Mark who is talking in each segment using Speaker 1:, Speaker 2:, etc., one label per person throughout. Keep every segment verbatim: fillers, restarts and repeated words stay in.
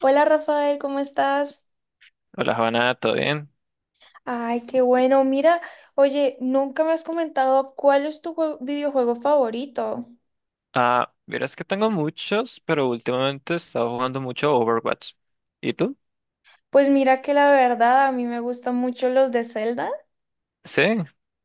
Speaker 1: Hola Rafael, ¿cómo estás?
Speaker 2: Hola, Habana, ¿todo bien?
Speaker 1: Ay, qué bueno. Mira, oye, nunca me has comentado cuál es tu jue- videojuego favorito.
Speaker 2: Ah, verás que tengo muchos, pero últimamente he estado jugando mucho Overwatch. ¿Y tú?
Speaker 1: Pues mira que la verdad a mí me gustan mucho los de Zelda.
Speaker 2: Sí,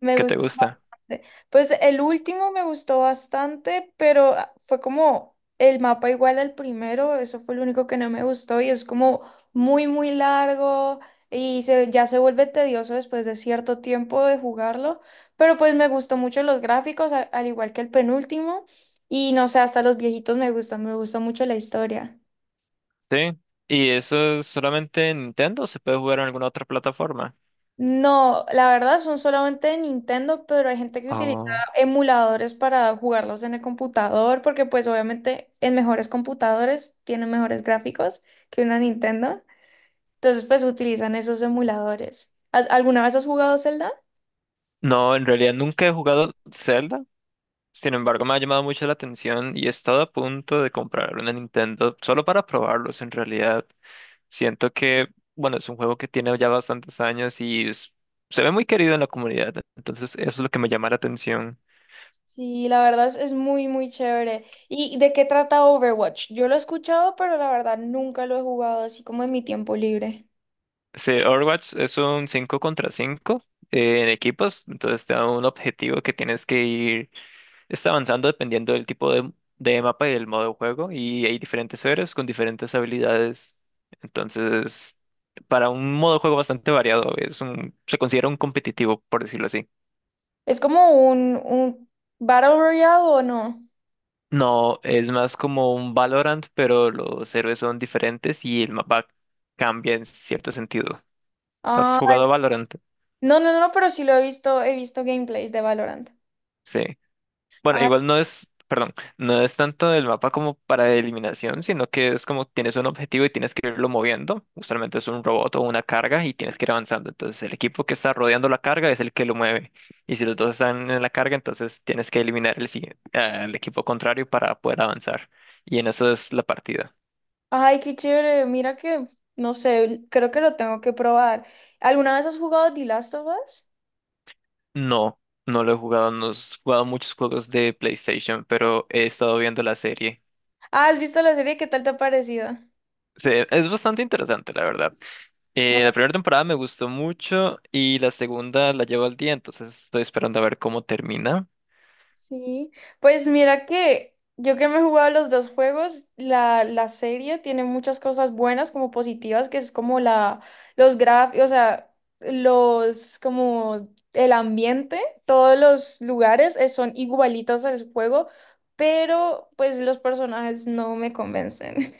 Speaker 1: Me
Speaker 2: ¿qué te
Speaker 1: gustó
Speaker 2: gusta?
Speaker 1: bastante. Pues el último me gustó bastante, pero ah, fue como el mapa igual al primero, eso fue lo único que no me gustó y es como muy, muy largo y se, ya se vuelve tedioso después de cierto tiempo de jugarlo, pero pues me gustó mucho los gráficos, a- al igual que el penúltimo y no sé, hasta los viejitos me gustan, me gusta mucho la historia.
Speaker 2: Sí. ¿Y eso es solamente en Nintendo o se puede jugar en alguna otra plataforma?
Speaker 1: No, la verdad son solamente de Nintendo, pero hay gente que utiliza
Speaker 2: Oh.
Speaker 1: emuladores para jugarlos en el computador, porque pues obviamente en mejores computadores tienen mejores gráficos que una Nintendo. Entonces pues utilizan esos emuladores. ¿Has- ¿Alguna vez has jugado Zelda?
Speaker 2: No, en realidad nunca he jugado Zelda. Sin embargo, me ha llamado mucho la atención y he estado a punto de comprar una Nintendo solo para probarlos en realidad. Siento que, bueno, es un juego que tiene ya bastantes años y es- se ve muy querido en la comunidad. Entonces, eso es lo que me llama la atención.
Speaker 1: Sí, la verdad es, es muy, muy chévere. ¿Y de qué trata Overwatch? Yo lo he escuchado, pero la verdad nunca lo he jugado así como en mi tiempo libre.
Speaker 2: Sí, Overwatch es un cinco contra cinco, eh, en equipos, entonces te da un objetivo que tienes que ir. Está avanzando dependiendo del tipo de, de mapa y del modo de juego, y hay diferentes héroes con diferentes habilidades. Entonces, para un modo de juego bastante variado, es un, se considera un competitivo, por decirlo así.
Speaker 1: Es como un, un Battle Royale o no.
Speaker 2: No, es más como un Valorant, pero los héroes son diferentes y el mapa cambia en cierto sentido. ¿Has
Speaker 1: Ah,
Speaker 2: jugado a Valorant?
Speaker 1: no, no, no, pero sí lo he visto, he visto gameplays de Valorant.
Speaker 2: Sí. Bueno,
Speaker 1: Ay,
Speaker 2: igual no es, perdón, no es tanto el mapa como para eliminación, sino que es como tienes un objetivo y tienes que irlo moviendo. Usualmente es un robot o una carga y tienes que ir avanzando. Entonces el equipo que está rodeando la carga es el que lo mueve. Y si los dos están en la carga, entonces tienes que eliminar el, sigui- al equipo contrario para poder avanzar. Y en eso es la partida.
Speaker 1: ay, qué chévere. Mira que, no sé, creo que lo tengo que probar. ¿Alguna vez has jugado The Last of Us?
Speaker 2: No, no lo he jugado, no he jugado muchos juegos de PlayStation, pero he estado viendo la serie.
Speaker 1: Ah, ¿has visto la serie? ¿Qué tal te ha parecido?
Speaker 2: Se- es bastante interesante, la verdad. Eh, la primera temporada me gustó mucho y la segunda la llevo al día, entonces estoy esperando a ver cómo termina.
Speaker 1: Sí, pues mira que yo que me he jugado los dos juegos, la, la serie tiene muchas cosas buenas como positivas, que es como la, los gráficos, o sea, los, como el ambiente, todos los lugares eh, son igualitos al juego, pero pues los personajes no me convencen.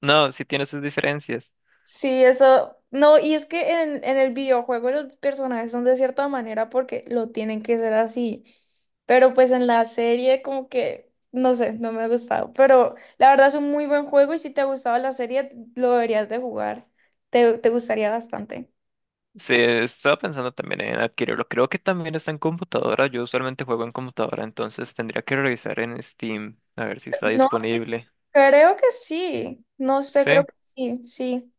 Speaker 2: No, sí tiene sus diferencias.
Speaker 1: Sí, eso. No, y es que en, en el videojuego los personajes son de cierta manera porque lo tienen que ser así. Pero pues en la serie como que, no sé, no me ha gustado. Pero la verdad es un muy buen juego y si te ha gustado la serie, lo deberías de jugar. Te, te gustaría bastante.
Speaker 2: Sí, estaba pensando también en adquirirlo. Creo que también está en computadora. Yo usualmente juego en computadora, entonces tendría que revisar en Steam a ver si está
Speaker 1: No, sí,
Speaker 2: disponible.
Speaker 1: creo que sí. No sé, creo
Speaker 2: Sí.
Speaker 1: que sí, sí.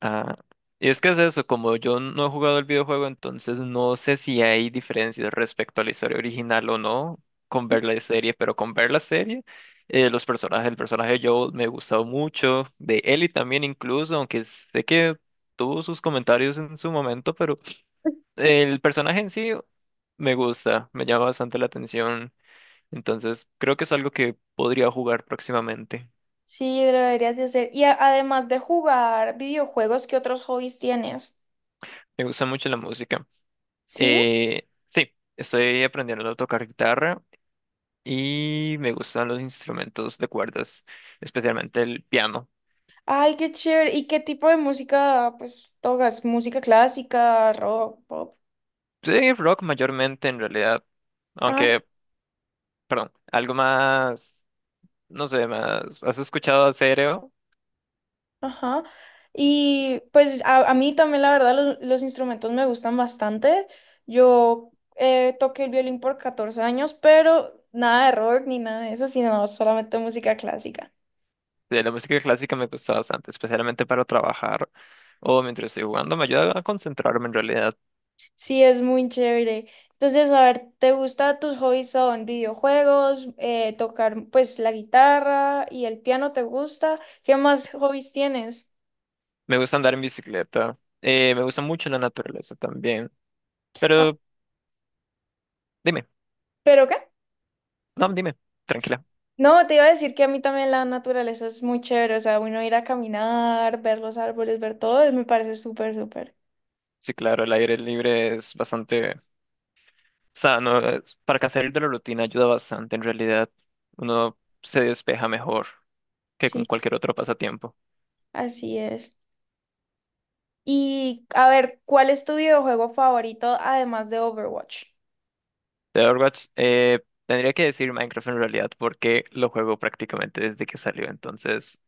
Speaker 2: Ah, y es que es eso, como yo no he jugado el videojuego, entonces no sé si hay diferencias respecto a la historia original o no con ver la serie, pero con ver la serie, eh, los personajes, el personaje de Joel me gustó mucho, de Ellie también incluso, aunque sé que tuvo sus comentarios en su momento, pero el personaje en sí me gusta, me llama bastante la atención, entonces creo que es algo que podría jugar próximamente.
Speaker 1: Sí, lo deberías de hacer. Y a- además de jugar videojuegos, ¿qué otros hobbies tienes?
Speaker 2: Me gusta mucho la música.
Speaker 1: ¿Sí?
Speaker 2: Eh, sí, estoy aprendiendo a tocar guitarra y me gustan los instrumentos de cuerdas, especialmente el piano.
Speaker 1: Ay, qué chévere. ¿Y qué tipo de música, pues, tocas? ¿Música clásica, rock, pop?
Speaker 2: Sí, rock mayormente en realidad,
Speaker 1: Ay,
Speaker 2: aunque, perdón, algo más, no sé, más, ¿has escuchado a…?
Speaker 1: ajá. Y pues a, a mí también, la verdad, los, los instrumentos me gustan bastante. Yo eh, toqué el violín por catorce años, pero nada de rock ni nada de eso, sino solamente música clásica.
Speaker 2: De la música clásica me gusta bastante, especialmente para trabajar o mientras estoy jugando, me ayuda a concentrarme en realidad.
Speaker 1: Sí, es muy chévere. Entonces, a ver, ¿te gusta tus hobbies son videojuegos, eh, tocar pues la guitarra y el piano te gusta? ¿Qué más hobbies tienes?
Speaker 2: Me gusta andar en bicicleta, eh, me gusta mucho la naturaleza también, pero dime,
Speaker 1: ¿Pero qué?
Speaker 2: no, dime, tranquila.
Speaker 1: No, te iba a decir que a mí también la naturaleza es muy chévere, o sea, uno ir a caminar, ver los árboles, ver todo, es- me parece súper, súper.
Speaker 2: Sí, claro, el aire libre es bastante sano. es- Para que salir de la rutina ayuda bastante, en realidad. Uno se despeja mejor que con
Speaker 1: Sí,
Speaker 2: cualquier otro pasatiempo.
Speaker 1: así es. Y a ver, ¿cuál es tu videojuego favorito además de Overwatch?
Speaker 2: De Overwatch, eh, tendría que decir Minecraft en realidad, porque lo juego prácticamente desde que salió. Entonces,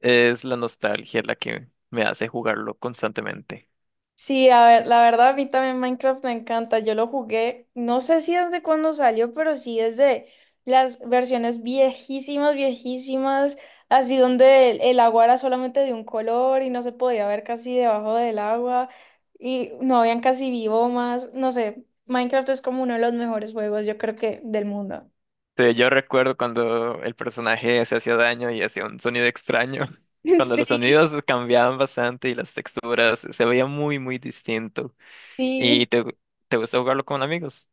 Speaker 2: es la nostalgia la que me hace jugarlo constantemente.
Speaker 1: Sí, a ver, la verdad a mí también Minecraft me encanta. Yo lo jugué, no sé si desde cuándo salió, pero sí desde las versiones viejísimas, viejísimas, así donde el, el agua era solamente de un color y no se podía ver casi debajo del agua y no habían casi biomas. No sé, Minecraft es como uno de los mejores juegos, yo creo que del mundo.
Speaker 2: Sí, yo recuerdo cuando el personaje se hacía daño y hacía un sonido extraño. Cuando
Speaker 1: Sí,
Speaker 2: los sonidos cambiaban bastante y las texturas se veía muy, muy distinto. ¿Y
Speaker 1: sí.
Speaker 2: te, te gusta jugarlo con amigos?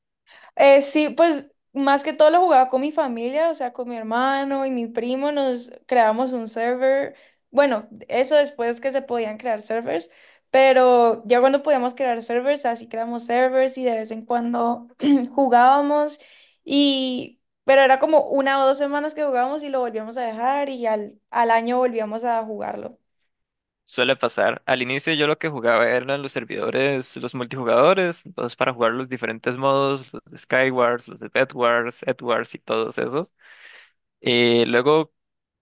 Speaker 1: Eh, sí, pues más que todo lo jugaba con mi familia, o sea, con mi hermano y mi primo, nos creamos un server. Bueno, eso después que se podían crear servers, pero ya cuando podíamos crear servers, así creamos servers y de vez en cuando jugábamos y... Pero era como una o dos semanas que jugábamos y lo volvíamos a dejar y al, al año volvíamos a jugarlo.
Speaker 2: Suele pasar. Al inicio yo lo que jugaba eran los servidores, los multijugadores, entonces para jugar los diferentes modos, los de Skywars, los de Bedwars, Edwards y todos esos. Eh, luego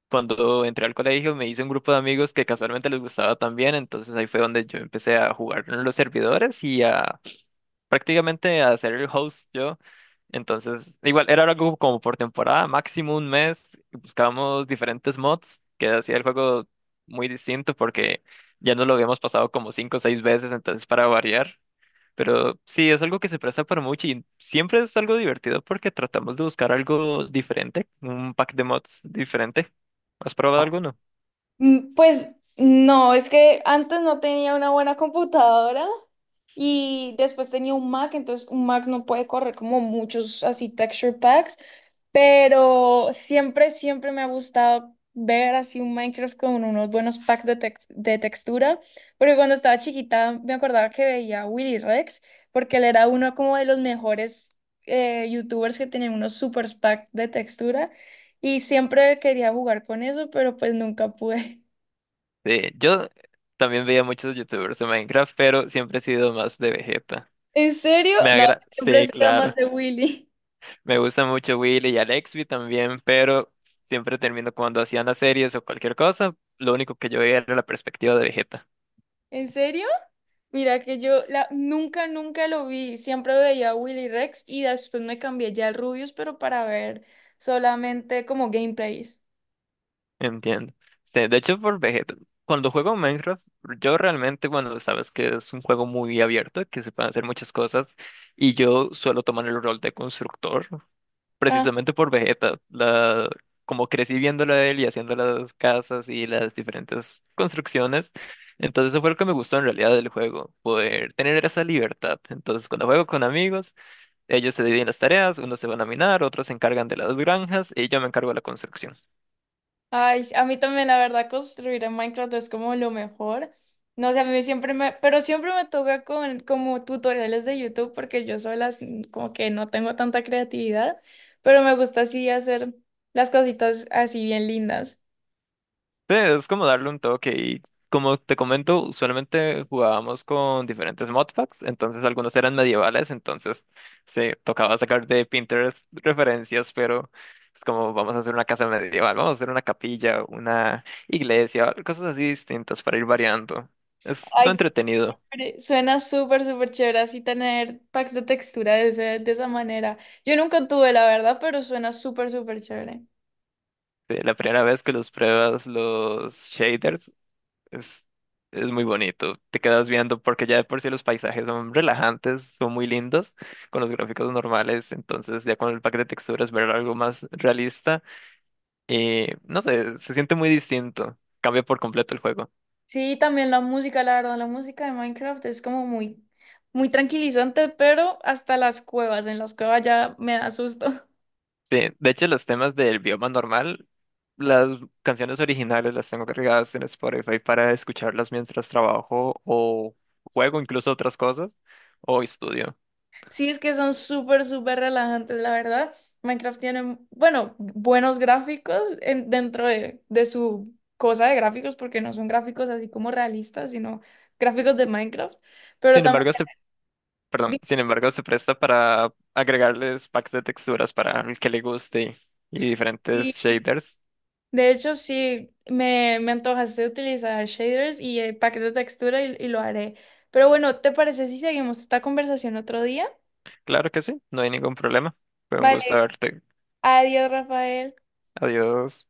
Speaker 2: cuando entré al colegio me hice un grupo de amigos que casualmente les gustaba también, entonces ahí fue donde yo empecé a jugar en los servidores y a prácticamente a ser el host yo. Entonces, igual, era algo como por temporada, máximo un mes, y buscábamos diferentes mods que hacía el juego muy distinto porque ya nos lo habíamos pasado como cinco o seis veces, entonces para variar. Pero sí, es algo que se presta para mucho y siempre es algo divertido porque tratamos de buscar algo diferente, un pack de mods diferente. ¿Has probado alguno?
Speaker 1: Mm, pues no, es que antes no tenía una buena computadora y después tenía un Mac, entonces un Mac no puede correr como muchos así texture packs, pero siempre, siempre me ha gustado ver así un Minecraft con unos buenos packs de, tex- de textura, porque cuando estaba chiquita me acordaba que veía a Willy Rex, porque él era uno como de los mejores eh, YouTubers que tenían unos super packs de textura. Y siempre quería jugar con eso, pero pues nunca pude.
Speaker 2: Sí, yo también veía muchos youtubers de Minecraft, pero siempre he sido más de Vegeta.
Speaker 1: ¿En serio?
Speaker 2: Me
Speaker 1: No,
Speaker 2: agrada.
Speaker 1: siempre he
Speaker 2: Sí,
Speaker 1: sido
Speaker 2: claro.
Speaker 1: más de Willy.
Speaker 2: Me gusta mucho Willy y Alexby también, pero siempre termino cuando hacían las series o cualquier cosa, lo único que yo veía era la perspectiva de Vegeta.
Speaker 1: ¿En serio? Mira que yo la, nunca, nunca lo vi. Siempre veía a Willy Rex y después me cambié ya al Rubius, pero para ver solamente como gameplays.
Speaker 2: Entiendo. Sí, de hecho, por Vegeta, cuando juego Minecraft, yo realmente, bueno, sabes que es un juego muy abierto, que se pueden hacer muchas cosas, y yo suelo tomar el rol de constructor.
Speaker 1: Ah,
Speaker 2: Precisamente por Vegeta, la, como crecí viéndolo a él y haciendo las casas y las diferentes construcciones, entonces eso fue lo que me gustó en realidad del juego, poder tener esa libertad. Entonces cuando juego con amigos, ellos se dividen las tareas, unos se van a minar, otros se encargan de las granjas y yo me encargo de la construcción.
Speaker 1: ay, sí, a mí también la verdad construir en Minecraft es como lo mejor. No sé, a mí siempre me, pero siempre me toca con como tutoriales de YouTube porque yo sola sí, como que no tengo tanta creatividad, pero me gusta así hacer las cositas así bien lindas.
Speaker 2: Sí, es como darle un toque y como te comento, usualmente jugábamos con diferentes modpacks, entonces algunos eran medievales, entonces se tocaba sacar de Pinterest referencias, pero es como vamos a hacer una casa medieval, vamos a hacer una capilla, una iglesia, cosas así distintas para ir variando. Es lo
Speaker 1: Ay,
Speaker 2: entretenido.
Speaker 1: hombre, suena súper, súper chévere así tener packs de textura de, ese- de esa manera. Yo nunca tuve, la verdad, pero suena súper, súper chévere.
Speaker 2: Sí, la primera vez que los pruebas los shaders Es, es muy bonito. Te quedas viendo porque ya de por sí los paisajes son relajantes, son muy lindos con los gráficos normales. Entonces ya con el pack de texturas ver algo más realista, eh, no sé, se siente muy distinto. Cambia por completo el juego.
Speaker 1: Sí, también la música, la verdad, la música de Minecraft es como muy, muy tranquilizante, pero hasta las cuevas, en las cuevas ya me da susto.
Speaker 2: De, de hecho, los temas del bioma normal, las canciones originales las tengo cargadas en Spotify para escucharlas mientras trabajo o juego incluso otras cosas o estudio.
Speaker 1: Sí, es que son súper, súper relajantes, la verdad. Minecraft tiene, bueno, buenos gráficos en- dentro de, de su cosa de gráficos, porque no son gráficos así como realistas, sino gráficos de Minecraft, pero
Speaker 2: Sin
Speaker 1: también
Speaker 2: embargo, se, perdón, sin embargo, se presta para agregarles packs de texturas para el que le guste y diferentes
Speaker 1: y
Speaker 2: shaders.
Speaker 1: de hecho, sí, me, me antojaste utilizar shaders y eh, paquetes de textura y, y lo haré. Pero bueno, ¿te parece si seguimos esta conversación otro día?
Speaker 2: Claro que sí, no hay ningún problema. Fue un gusto
Speaker 1: Vale,
Speaker 2: verte.
Speaker 1: adiós, Rafael.
Speaker 2: Adiós.